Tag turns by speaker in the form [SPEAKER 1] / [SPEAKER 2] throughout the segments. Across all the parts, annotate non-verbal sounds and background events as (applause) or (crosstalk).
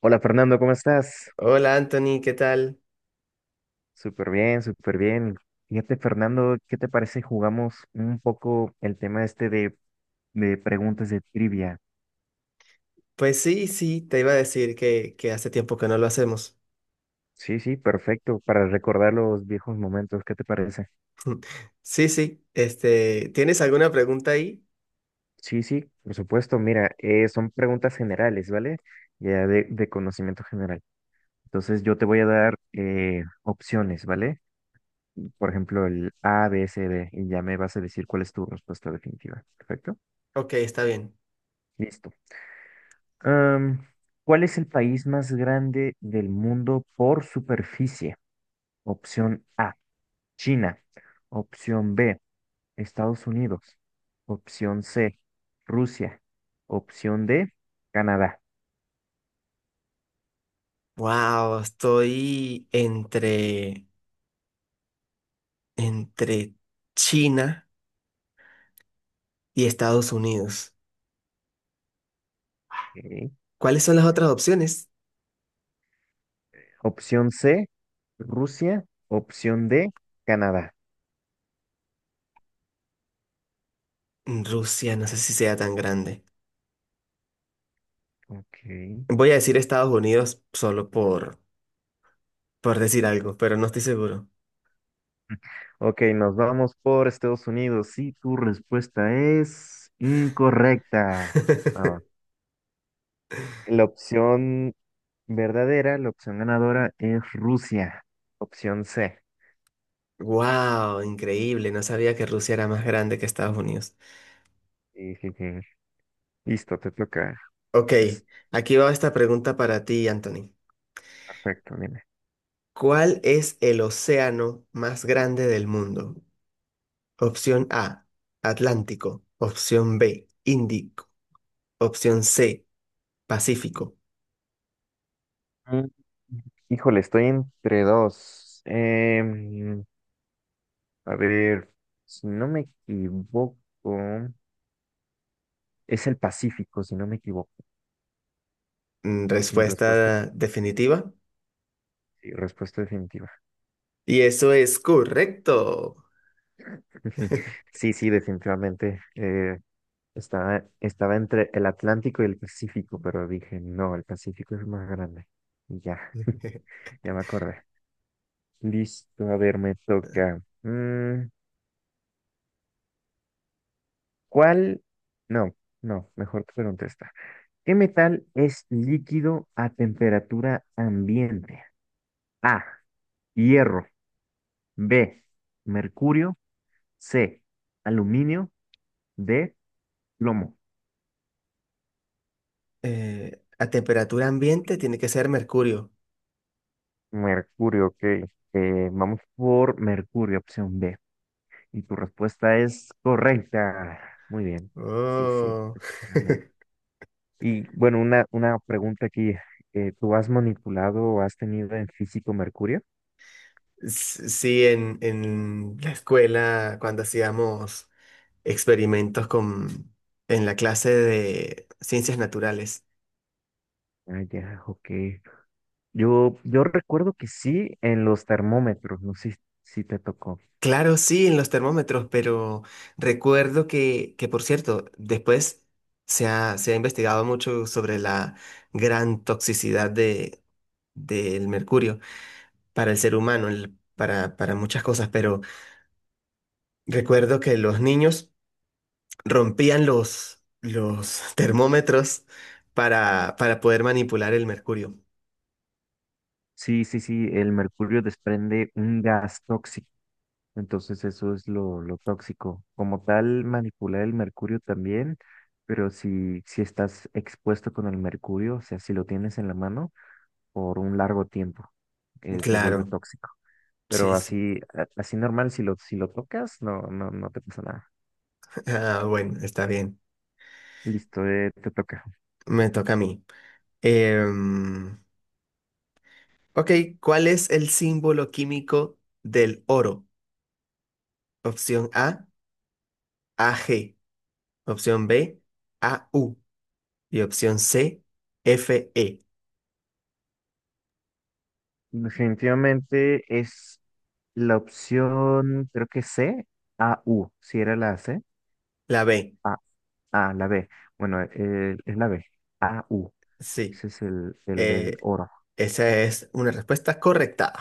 [SPEAKER 1] Hola Fernando, ¿cómo estás?
[SPEAKER 2] Hola Anthony, ¿qué tal?
[SPEAKER 1] Súper bien, súper bien. Fíjate Fernando, ¿qué te parece si jugamos un poco el tema este de preguntas de trivia?
[SPEAKER 2] Pues sí, sí, te iba a decir que hace tiempo que no lo hacemos.
[SPEAKER 1] Sí, sí, perfecto, para recordar los viejos momentos, ¿qué te parece?
[SPEAKER 2] (laughs) Sí, sí, este, ¿tienes alguna pregunta ahí?
[SPEAKER 1] Sí, sí, por supuesto, mira, son preguntas generales, ¿vale? Ya de conocimiento general. Entonces yo te voy a dar opciones, ¿vale? Por ejemplo, el A, B, C, D, y ya me vas a decir cuál es tu respuesta definitiva, ¿perfecto?
[SPEAKER 2] Ok, está bien.
[SPEAKER 1] Listo. Am, ¿Cuál es el país más grande del mundo por superficie? Opción A, China. Opción B, Estados Unidos. Opción C, Rusia. Opción D, Canadá.
[SPEAKER 2] Wow, estoy entre China y Estados Unidos.
[SPEAKER 1] Ok.
[SPEAKER 2] ¿Cuáles son las otras opciones?
[SPEAKER 1] Opción C, Rusia. Opción D, Canadá.
[SPEAKER 2] Rusia, no sé si sea tan grande.
[SPEAKER 1] Ok.
[SPEAKER 2] Voy a decir Estados Unidos solo por decir algo, pero no estoy seguro.
[SPEAKER 1] Ok, nos vamos por Estados Unidos. Y tu respuesta es incorrecta. Ah,
[SPEAKER 2] (laughs)
[SPEAKER 1] la opción verdadera, la opción ganadora es Rusia. Opción C.
[SPEAKER 2] Wow, increíble, no sabía que Rusia era más grande que Estados Unidos.
[SPEAKER 1] Sí, sí, sí. Listo, te toca.
[SPEAKER 2] Ok,
[SPEAKER 1] Es
[SPEAKER 2] aquí va esta pregunta para ti, Anthony.
[SPEAKER 1] perfecto, dime.
[SPEAKER 2] ¿Cuál es el océano más grande del mundo? Opción A, Atlántico. Opción B, Índico. Opción C, Pacífico.
[SPEAKER 1] Mm. Híjole, estoy entre dos. A ver, si no me equivoco, es el Pacífico, si no me equivoco. Mi respuesta,
[SPEAKER 2] Respuesta definitiva.
[SPEAKER 1] sí, respuesta definitiva.
[SPEAKER 2] Y eso es correcto.
[SPEAKER 1] (laughs)
[SPEAKER 2] (laughs)
[SPEAKER 1] Sí, sí, definitivamente. Estaba entre el Atlántico y el Pacífico, pero dije, no, el Pacífico es más grande. Y ya, (laughs) ya me acordé. Listo, a ver, me toca. Mm, ¿cuál? No, no, mejor te pregunto esta. ¿Qué metal es líquido a temperatura ambiente? A, hierro, B, mercurio, C, aluminio, D, plomo.
[SPEAKER 2] A temperatura ambiente tiene que ser mercurio.
[SPEAKER 1] Mercurio, ok. Vamos por mercurio, opción B. Y tu respuesta es correcta. Muy bien. Sí, sí.
[SPEAKER 2] Oh. (laughs)
[SPEAKER 1] Y bueno, una pregunta aquí. ¿Tú has manipulado o has tenido en físico mercurio?
[SPEAKER 2] Sí, en la escuela, cuando hacíamos experimentos en la clase de ciencias naturales.
[SPEAKER 1] Ah, ya, ok. Yo recuerdo que sí en los termómetros, no sé si te tocó.
[SPEAKER 2] Claro, sí, en los termómetros, pero recuerdo que, por cierto, después se ha investigado mucho sobre la gran toxicidad del mercurio para el ser humano, para muchas cosas, pero recuerdo que los niños rompían los (laughs) termómetros para poder manipular el mercurio.
[SPEAKER 1] Sí, sí, sí, el mercurio desprende un gas tóxico, entonces eso es lo tóxico. Como tal, manipular el mercurio también, pero si estás expuesto con el mercurio, o sea, si lo tienes en la mano por un largo tiempo, se vuelve
[SPEAKER 2] Claro,
[SPEAKER 1] tóxico. Pero
[SPEAKER 2] sí, sí.
[SPEAKER 1] así, así normal, si lo tocas, no, no, no te pasa nada.
[SPEAKER 2] Ah, bueno, está bien.
[SPEAKER 1] Listo, te toca.
[SPEAKER 2] Me toca a mí. Em, ok, ¿cuál es el símbolo químico del oro? Opción A, AG. Opción B, AU. Y opción C, FE.
[SPEAKER 1] Definitivamente es la opción, creo que C, A, U. Si era la C,
[SPEAKER 2] La B,
[SPEAKER 1] A, A, la B. Bueno, es la B, A, U.
[SPEAKER 2] sí.
[SPEAKER 1] Ese es el del
[SPEAKER 2] Eh,
[SPEAKER 1] oro.
[SPEAKER 2] esa es una respuesta correcta.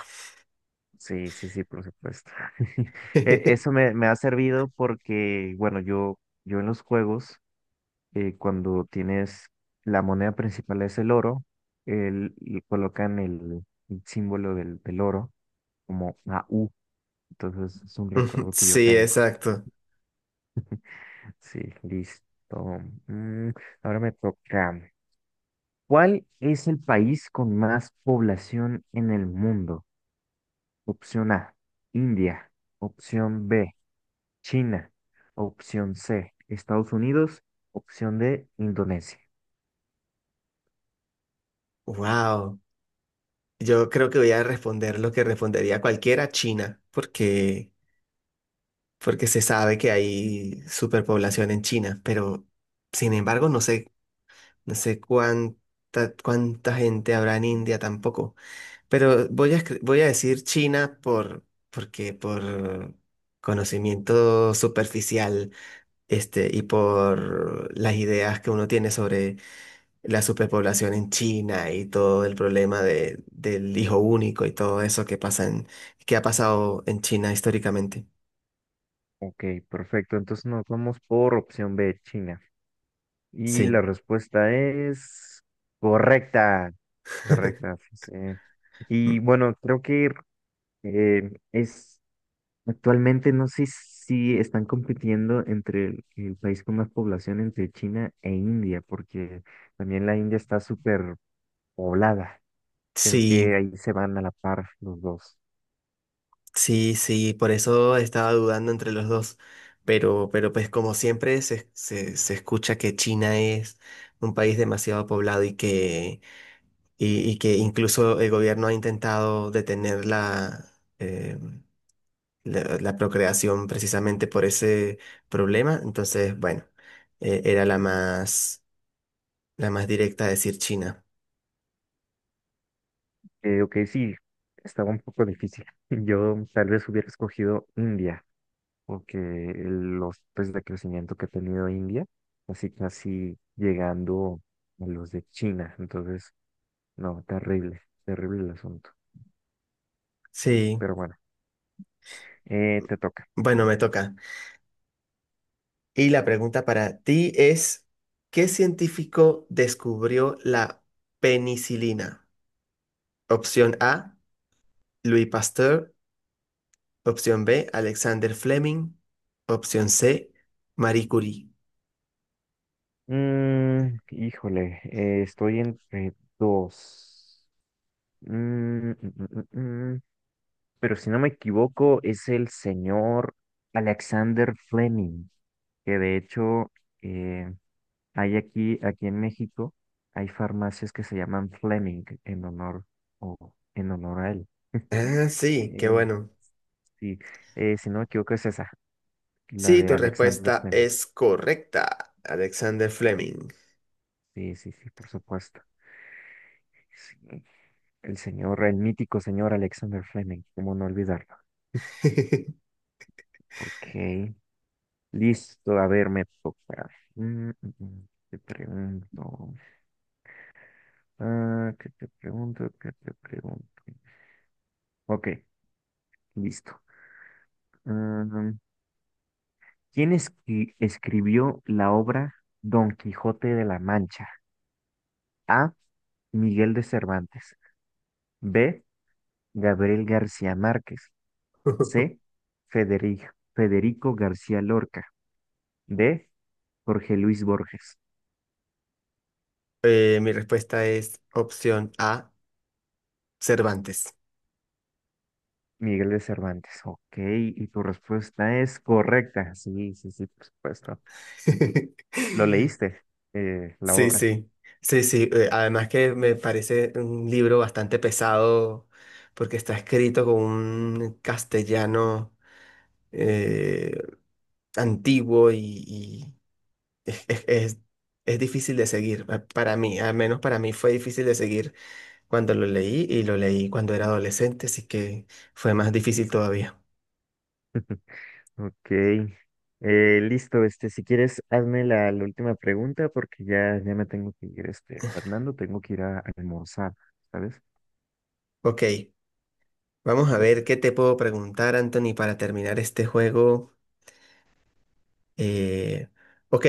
[SPEAKER 1] Sí, sí, sí, por supuesto. (laughs) Eso
[SPEAKER 2] (laughs)
[SPEAKER 1] me ha servido porque, bueno, yo en los juegos. Cuando tienes la moneda principal es el oro, y colocan el símbolo del oro como una U. Entonces es un
[SPEAKER 2] Ujú,
[SPEAKER 1] recuerdo que yo
[SPEAKER 2] sí,
[SPEAKER 1] tengo.
[SPEAKER 2] exacto.
[SPEAKER 1] Sí, listo. Mm, ahora me toca. ¿Cuál es el país con más población en el mundo? Opción A, India. Opción B, China. Opción C, Estados Unidos. Opción D, Indonesia.
[SPEAKER 2] Wow. Yo creo que voy a responder lo que respondería cualquiera, China, porque porque se sabe que hay superpoblación en China, pero sin embargo no sé cuánta gente habrá en India tampoco. Pero voy a decir China porque por conocimiento superficial, este, y por las ideas que uno tiene sobre la superpoblación en China y todo el problema del hijo único y todo eso que ha pasado en China históricamente.
[SPEAKER 1] Ok, perfecto. Entonces nos vamos por opción B, China. Y
[SPEAKER 2] Sí.
[SPEAKER 1] la respuesta es correcta. Correcta.
[SPEAKER 2] (laughs)
[SPEAKER 1] Pues, y bueno, creo que es actualmente no sé si están compitiendo entre el país con más población entre China e India, porque también la India está súper poblada. Creo
[SPEAKER 2] Sí,
[SPEAKER 1] que ahí se van a la par los dos.
[SPEAKER 2] sí, sí, por eso estaba dudando entre los dos. Pero pues como siempre se escucha que China es un país demasiado poblado y que incluso el gobierno ha intentado detener eh, la procreación precisamente por ese problema. Entonces, bueno, era la más directa decir China.
[SPEAKER 1] Ok, sí, estaba un poco difícil. (laughs) Yo tal vez hubiera escogido India. Porque los pues, de crecimiento que ha tenido India, así casi llegando a los de China. Entonces, no, terrible, terrible el asunto.
[SPEAKER 2] Sí,
[SPEAKER 1] Pero bueno, te toca.
[SPEAKER 2] bueno, me toca. Y la pregunta para ti es, ¿qué científico descubrió la penicilina? Opción A, Louis Pasteur. Opción B, Alexander Fleming. Opción C, Marie Curie.
[SPEAKER 1] Mm, híjole, estoy entre dos. Mm, mm, mm, mm, mm. Pero si no me equivoco, es el señor Alexander Fleming, que de hecho... eh, hay aquí, aquí en México, hay farmacias que se llaman Fleming en honor o en honor a él. (laughs)
[SPEAKER 2] Ah, sí, qué
[SPEAKER 1] Eh,
[SPEAKER 2] bueno.
[SPEAKER 1] sí, si no me equivoco es esa, la
[SPEAKER 2] Sí,
[SPEAKER 1] de
[SPEAKER 2] tu
[SPEAKER 1] Alexander
[SPEAKER 2] respuesta
[SPEAKER 1] Fleming.
[SPEAKER 2] es correcta, Alexander Fleming.
[SPEAKER 1] Sí, sí, sí, por supuesto. Sí, el señor, el mítico señor Alexander Fleming, cómo no olvidarlo.
[SPEAKER 2] (laughs)
[SPEAKER 1] Ok, listo, a ver, me toca. Mm, mm, mm, te pregunto, ah, ¿qué te pregunto? ¿Qué te pregunto? Ok, listo. Ah, ¿Quién escribió la obra Don Quijote de la Mancha? A. Miguel de Cervantes. B. Gabriel García Márquez. C. Federi- Federico García Lorca. D. Jorge Luis Borges.
[SPEAKER 2] Mi respuesta es opción A, Cervantes.
[SPEAKER 1] Miguel de Cervantes. Ok, y tu respuesta es correcta. Sí, sí, sí, por supuesto. ¿Lo
[SPEAKER 2] (laughs)
[SPEAKER 1] leíste, la
[SPEAKER 2] Sí,
[SPEAKER 1] obra?
[SPEAKER 2] sí, sí, sí. Además que me parece un libro bastante pesado porque está escrito con un castellano eh, antiguo y es, es- es- es difícil de seguir. Para mí, al menos para mí fue difícil de seguir cuando lo leí y lo leí cuando era adolescente, así que fue más difícil todavía.
[SPEAKER 1] Ok, listo, este, si quieres, hazme la, la última pregunta porque ya, ya me tengo que ir, este, Fernando, tengo que ir a, almorzar, ¿sabes?
[SPEAKER 2] Ok, vamos a ver
[SPEAKER 1] Listo.
[SPEAKER 2] qué te puedo preguntar, Anthony, para terminar este juego. Eh, ok,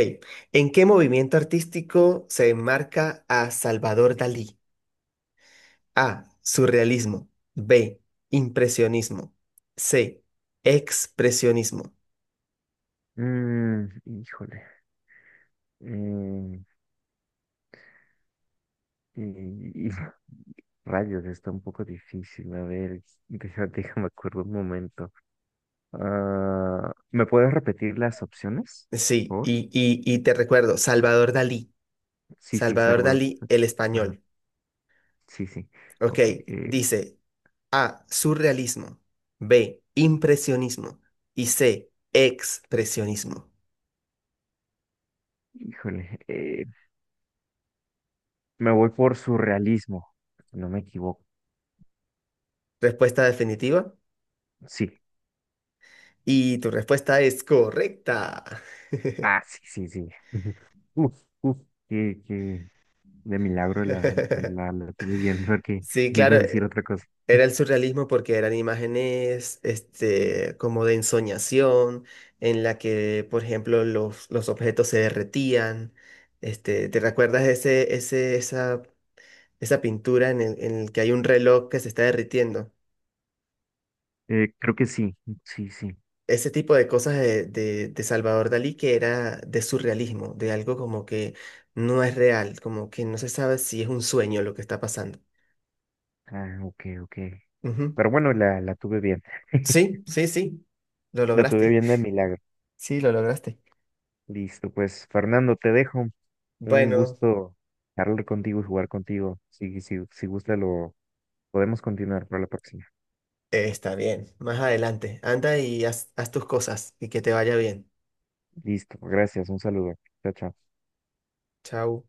[SPEAKER 2] ¿en qué movimiento artístico se enmarca a Salvador Dalí? A. Surrealismo. B. Impresionismo. C. Expresionismo.
[SPEAKER 1] Mm, híjole, eh, y, y- (laughs) rayos, está un poco difícil, a ver, (laughs) déjame, déjame acuerdo un momento. Ah, ¿me puedes repetir las opciones,
[SPEAKER 2] Sí,
[SPEAKER 1] por favor?
[SPEAKER 2] y te recuerdo, Salvador Dalí.
[SPEAKER 1] Sí, sí,
[SPEAKER 2] Salvador Dalí, el
[SPEAKER 1] Ajá.
[SPEAKER 2] español.
[SPEAKER 1] Sí, sí.
[SPEAKER 2] Ok,
[SPEAKER 1] Ok.
[SPEAKER 2] dice A. Surrealismo. B. Impresionismo. Y C. Expresionismo.
[SPEAKER 1] Híjole. Me voy por surrealismo. Si no me equivoco.
[SPEAKER 2] Respuesta definitiva.
[SPEAKER 1] Sí.
[SPEAKER 2] Y tu respuesta es correcta.
[SPEAKER 1] Ah,
[SPEAKER 2] (laughs)
[SPEAKER 1] sí, sí, sí. (laughs) Uf, uf, que de milagro la, la,
[SPEAKER 2] (laughs)
[SPEAKER 1] la estuve viendo porque
[SPEAKER 2] Sí,
[SPEAKER 1] yo iba
[SPEAKER 2] claro,
[SPEAKER 1] a decir otra cosa.
[SPEAKER 2] era el surrealismo porque eran imágenes, este, como de ensoñación, en la que, por ejemplo, los objetos se derretían. Este, ¿te recuerdas esa pintura en el que hay un reloj que se está derritiendo?
[SPEAKER 1] Creo que sí, sí, sí.
[SPEAKER 2] Ese tipo de cosas de Salvador Dalí que era de surrealismo, de algo como que no es real, como que no se sabe si es un sueño lo que está pasando.
[SPEAKER 1] Ah, ok, ok.
[SPEAKER 2] Ujú.
[SPEAKER 1] Pero bueno, la tuve bien. (laughs)
[SPEAKER 2] Sí, sí, sí, lo
[SPEAKER 1] La tuve
[SPEAKER 2] lograste.
[SPEAKER 1] bien de milagro.
[SPEAKER 2] Sí, lo lograste.
[SPEAKER 1] Listo, pues Fernando, te dejo. Un
[SPEAKER 2] Bueno,
[SPEAKER 1] gusto hablar contigo y jugar contigo. Si, si, si gusta, lo podemos continuar para la próxima.
[SPEAKER 2] está bien. Más adelante. Anda y haz tus cosas y que te vaya bien.
[SPEAKER 1] Listo, gracias, un saludo. Chao, chao.
[SPEAKER 2] Chao.